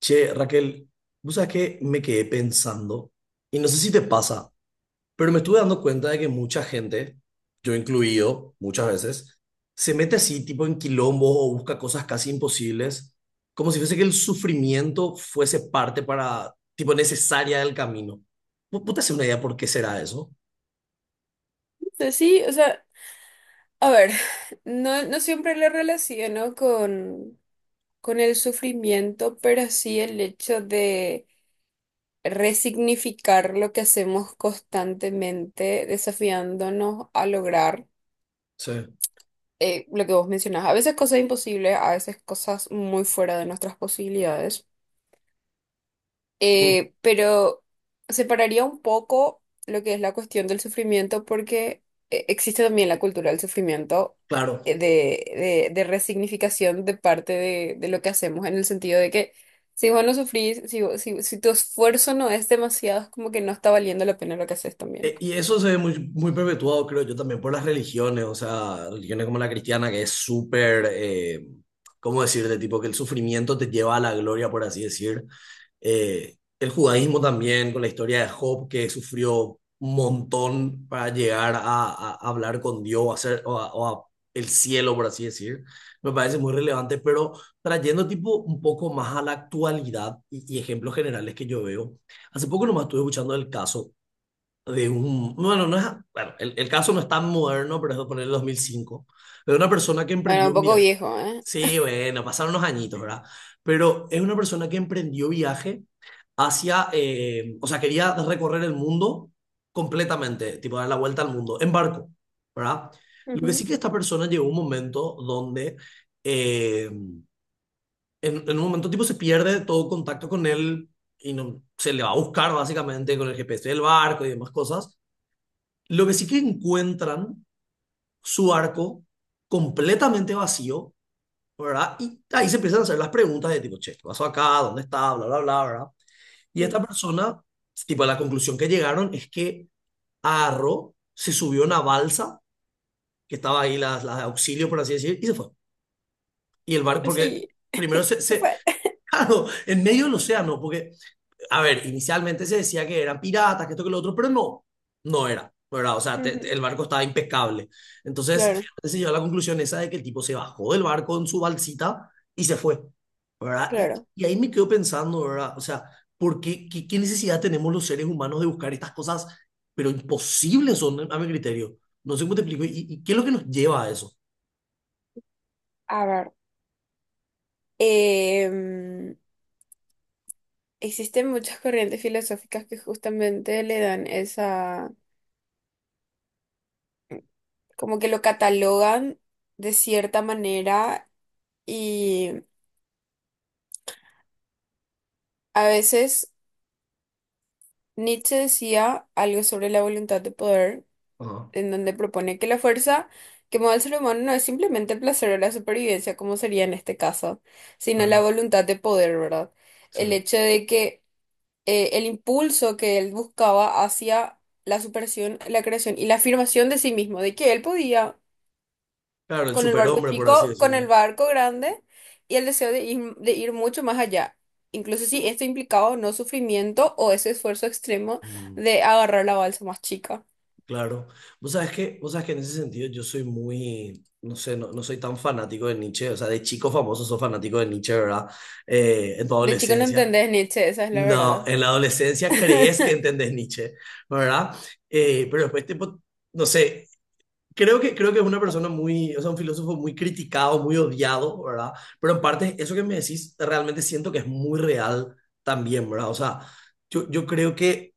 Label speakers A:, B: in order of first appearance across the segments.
A: Che, Raquel, vos sabés que me quedé pensando, y no sé si te pasa, pero me estuve dando cuenta de que mucha gente, yo incluido muchas veces, se mete así, tipo en quilombos o busca cosas casi imposibles, como si fuese que el sufrimiento fuese parte para, tipo, necesaria del camino. ¿Vos te haces una idea por qué será eso?
B: Sea, sí, o sea, a ver, no, no siempre lo relaciono con el sufrimiento, pero sí el hecho de resignificar lo que hacemos constantemente, desafiándonos a lograr
A: Sí.
B: lo que vos mencionás. A veces cosas imposibles, a veces cosas muy fuera de nuestras posibilidades.
A: Mm,
B: Pero separaría un poco lo que es la cuestión del sufrimiento porque existe también la cultura del sufrimiento
A: claro.
B: eh, de, de resignificación de parte de lo que hacemos en el sentido de que si vos no sufrís, si tu esfuerzo no es demasiado, es como que no está valiendo la pena lo que haces también.
A: Y eso se ve muy, muy perpetuado, creo yo, también por las religiones, o sea, religiones como la cristiana, que es súper, ¿cómo decirte? Tipo que el sufrimiento te lleva a la gloria, por así decir. El judaísmo también, con la historia de Job, que sufrió un montón para llegar a hablar con Dios, o a ser, o a el cielo, por así decir. Me parece muy relevante, pero trayendo tipo un poco más a la actualidad y ejemplos generales que yo veo. Hace poco nomás estuve escuchando el caso de un, bueno, no es, bueno, el caso no es tan moderno, pero es de poner el 2005, de una persona que
B: Bueno,
A: emprendió
B: un
A: un
B: poco
A: viaje.
B: viejo, ¿eh?
A: Sí, bueno, pasaron unos añitos, ¿verdad? Pero es una persona que emprendió viaje hacia, o sea, quería recorrer el mundo completamente, tipo dar la vuelta al mundo, en barco, ¿verdad? Lo que sí
B: Ujú.
A: que esta persona llegó a un momento donde, eh, en, en un momento tipo se pierde todo contacto con él y no, se le va a buscar básicamente con el GPS del barco y demás cosas, lo que sí que encuentran su arco completamente vacío, ¿verdad? Y ahí se empiezan a hacer las preguntas de tipo, che, ¿qué pasó acá? ¿Dónde está? Bla, bla, bla, ¿verdad? Y
B: Sí.
A: esta persona, tipo, la conclusión que llegaron es que agarró, se subió a una balsa, que estaba ahí las de auxilio, por así decir, y se fue. Y el barco, porque
B: Sí,
A: primero
B: se fue.
A: claro, en medio del océano, porque a ver, inicialmente se decía que eran piratas, que esto, que lo otro, pero no, no era, ¿verdad? O sea,
B: Ujú.
A: el barco estaba impecable. Entonces,
B: Claro,
A: finalmente se llegó a la conclusión esa de que el tipo se bajó del barco en su balsita y se fue, ¿verdad? Y,
B: claro.
A: y ahí me quedo pensando, ¿verdad? O sea, ¿por qué necesidad tenemos los seres humanos de buscar estas cosas, pero imposibles son, a mi criterio? No sé cómo te explico. ¿Y qué es lo que nos lleva a eso?
B: A ver. em, Existen muchas corrientes filosóficas que justamente le dan esa, como que lo catalogan de cierta manera y a veces Nietzsche decía algo sobre la voluntad de poder,
A: Ajá,
B: en donde propone que la fuerza que mueve al ser humano no es simplemente el placer o la supervivencia, como sería en este caso, sino la
A: claro.
B: voluntad de poder, ¿verdad? El
A: Sí.
B: hecho de que el impulso que él buscaba hacia la superación, la creación y la afirmación de sí mismo, de que él podía
A: Claro, el
B: con el barco
A: superhombre, por así
B: chico, con
A: decirlo.
B: el barco grande y el deseo de ir mucho más allá. Incluso si esto implicaba o no sufrimiento o ese esfuerzo extremo
A: Mm.
B: de agarrar la balsa más chica.
A: Claro. Vos sabés que en ese sentido yo soy muy, no sé, no soy tan fanático de Nietzsche, o sea, de chico famoso sos fanático de Nietzsche, ¿verdad? En tu
B: De chico no
A: adolescencia.
B: entendés Nietzsche, esa es la
A: No,
B: verdad.
A: en la adolescencia crees que entendés Nietzsche, ¿verdad? Pero después, tipo, no sé, creo que es una persona muy, o sea, un filósofo muy criticado, muy odiado, ¿verdad? Pero en parte, eso que me decís, realmente siento que es muy real también, ¿verdad? O sea, yo creo que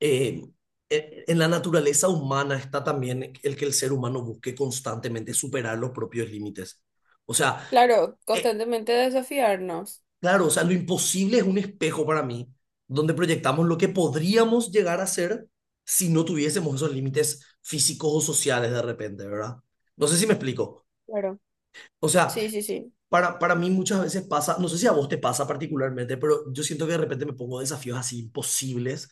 A: eh, en la naturaleza humana está también el que el ser humano busque constantemente superar los propios límites. O sea,
B: Claro,
A: eh,
B: constantemente desafiarnos.
A: claro, o sea, lo imposible es un espejo para mí, donde proyectamos lo que podríamos llegar a ser si no tuviésemos esos límites físicos o sociales de repente, ¿verdad? No sé si me explico.
B: Claro.
A: O sea,
B: Sí, sí, sí.
A: para mí muchas veces pasa, no sé si a vos te pasa particularmente, pero yo siento que de repente me pongo desafíos así imposibles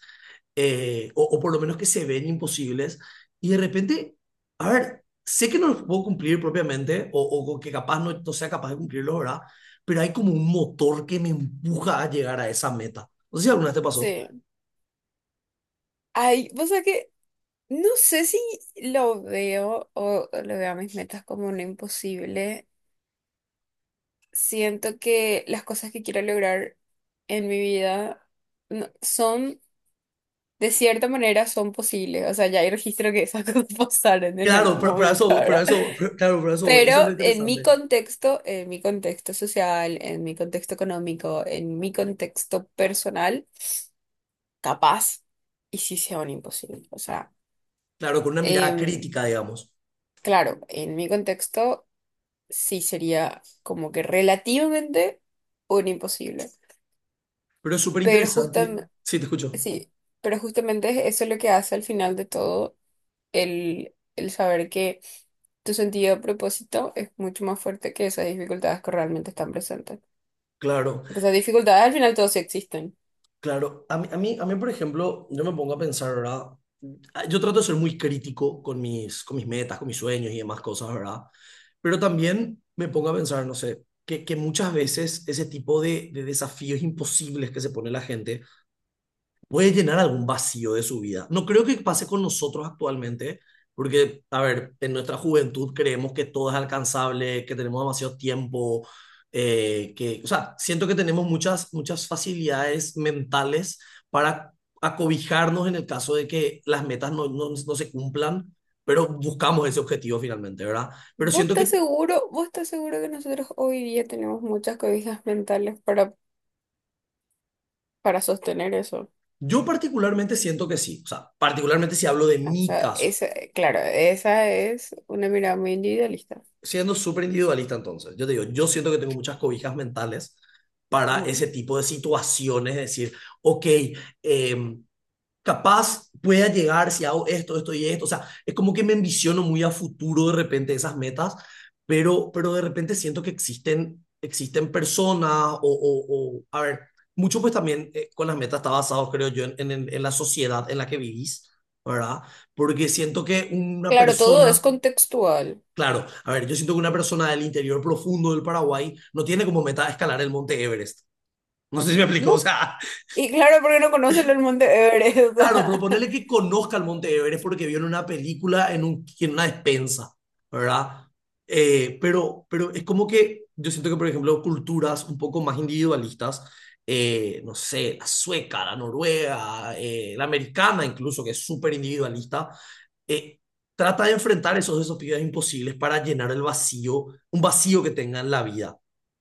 A: o por lo menos que se ven imposibles, y de repente, a ver, sé que no los puedo cumplir propiamente, o que capaz no sea capaz de cumplirlo, ¿verdad? Pero hay como un motor que me empuja a llegar a esa meta. No sé si alguna vez te pasó.
B: Sí. Ay, o sea que no sé si lo veo o lo veo a mis metas como un imposible. Siento que las cosas que quiero lograr en mi vida no- son, de cierta manera, son posibles. O sea, ya hay registro que esas cosas pasaron en
A: Claro,
B: algún
A: pero a
B: momento,
A: eso, voy, pero a
B: ¿verdad?
A: eso, claro, pero a eso voy,
B: Pero
A: eso es lo interesante.
B: en mi contexto social, en mi contexto económico, en mi contexto personal, capaz y sí sea un imposible. O sea,
A: Claro, con una mirada
B: em,
A: crítica, digamos.
B: claro, en mi contexto sí sería como que relativamente un imposible.
A: Pero es súper
B: Pero
A: interesante. Sí, te escucho.
B: sí, pero justamente eso es lo que hace al final de todo el saber que tu sentido de propósito es mucho más fuerte que esas dificultades que realmente están presentes.
A: Claro,
B: Porque esas dificultades al final todos sí existen.
A: claro. A mí, por ejemplo, yo me pongo a pensar, ¿verdad? Ah, yo trato de ser muy crítico con mis metas, con mis sueños y demás cosas, ¿verdad? Pero también me pongo a pensar, no sé, que muchas veces ese tipo de desafíos imposibles que se pone la gente puede llenar algún vacío de su vida. No creo que pase con nosotros actualmente, porque, a ver, en nuestra juventud creemos que todo es alcanzable, que tenemos demasiado tiempo, o sea, siento que tenemos muchas, muchas facilidades mentales para acobijarnos en el caso de que las metas no se cumplan, pero buscamos ese objetivo finalmente, ¿verdad? Pero
B: ¿Vos
A: siento
B: estás
A: que
B: seguro? ¿Vos estás seguro que nosotros hoy día tenemos muchas cobijas mentales para sostener eso?
A: yo particularmente siento que sí, o sea, particularmente si hablo de
B: O
A: mi
B: sea,
A: caso.
B: esa, claro, esa es una mirada muy individualista.
A: Siendo súper individualista entonces, yo te digo, yo siento que tengo muchas cobijas mentales para
B: No.
A: ese tipo de situaciones, es decir, ok, eh, capaz pueda llegar si hago esto, esto y esto, o sea, es como que me ambiciono muy a futuro de repente esas metas, pero de repente siento que existen personas o a ver, mucho pues también con las metas está basado, creo yo, en la sociedad en la que vivís, ¿verdad? Porque siento que una
B: Claro, todo es
A: persona.
B: contextual.
A: Claro, a ver, yo siento que una persona del interior profundo del Paraguay no tiene como meta escalar el Monte Everest. No sé si me explico, o
B: No.
A: sea.
B: Y claro, porque no conocen el monte Everest.
A: Claro, pero ponele que conozca el Monte Everest porque vio en una película, en una despensa, ¿verdad? Pero es como que yo siento que, por ejemplo, culturas un poco más individualistas, no sé, la sueca, la noruega, la americana incluso, que es súper individualista, eh, trata de enfrentar esos desafíos imposibles para llenar el vacío, un vacío que tenga en la vida.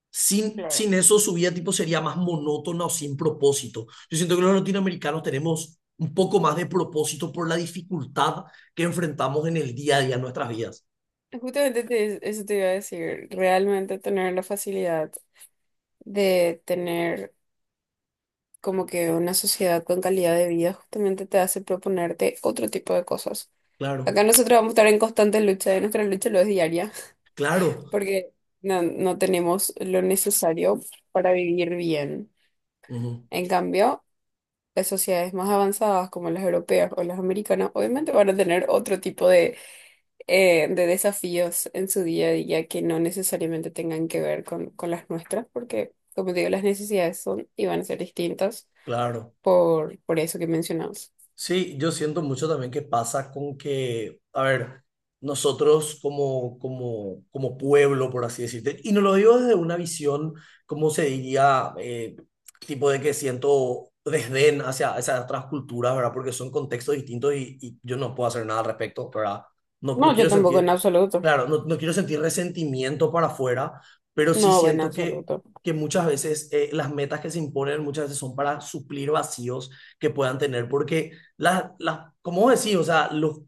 A: Sin,
B: Claro.
A: sin eso, su vida tipo sería más monótona o sin propósito. Yo siento que los latinoamericanos tenemos un poco más de propósito por la dificultad que enfrentamos en el día a día en nuestras vidas.
B: Justamente te- eso te iba a decir, realmente tener la facilidad de tener como que una sociedad con calidad de vida justamente te hace proponerte otro tipo de cosas.
A: Claro,
B: Acá nosotros vamos a estar en constante lucha, y nuestra lucha lo es diaria,
A: claro,
B: porque no, no tenemos lo necesario para vivir bien.
A: ujú,
B: En cambio, las sociedades más avanzadas como las europeas o las americanas obviamente van a tener otro tipo de desafíos en su día a día que no necesariamente tengan que ver con las nuestras, porque, como te digo, las necesidades son y van a ser distintas
A: claro.
B: por eso que mencionamos.
A: Sí, yo siento mucho también que pasa con que, a ver, nosotros como, como pueblo, por así decirte, y no lo digo desde una visión, como se diría, tipo de que siento desdén hacia esas otras culturas, ¿verdad? Porque son contextos distintos y yo no puedo hacer nada al respecto, ¿verdad? No
B: No,
A: quiero
B: yo tampoco en
A: sentir,
B: absoluto.
A: claro, no quiero sentir resentimiento para afuera, pero sí
B: No, en
A: siento
B: absoluto.
A: que muchas veces las metas que se imponen muchas veces son para suplir vacíos que puedan tener, porque como decís, o sea,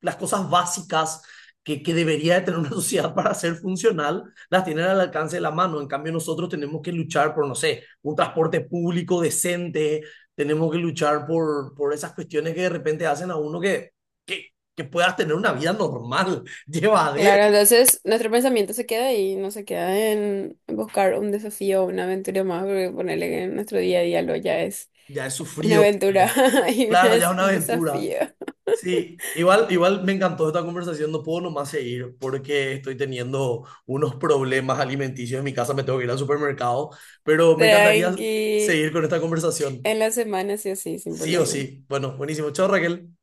A: las cosas básicas que debería de tener una sociedad para ser funcional, las tienen al alcance de la mano. En cambio, nosotros tenemos que luchar por, no sé, un transporte público decente, tenemos que luchar por esas cuestiones que de repente hacen a uno que, que, que puedas tener una vida normal, llevadera.
B: Claro, entonces nuestro pensamiento se queda ahí, no se queda en buscar un desafío o una aventura más, porque ponerle que en nuestro día a día lo ya es
A: Ya he
B: una
A: sufrido,
B: aventura y una
A: claro, ya es
B: es
A: una
B: un
A: aventura.
B: desafío.
A: Sí, igual, igual me encantó esta conversación, no puedo nomás seguir porque estoy teniendo unos problemas alimenticios en mi casa, me tengo que ir al supermercado, pero me encantaría
B: Tranqui,
A: seguir con esta conversación,
B: en la semana sí o sí, sin
A: sí o
B: problema.
A: sí. Bueno, buenísimo, chao Raquel.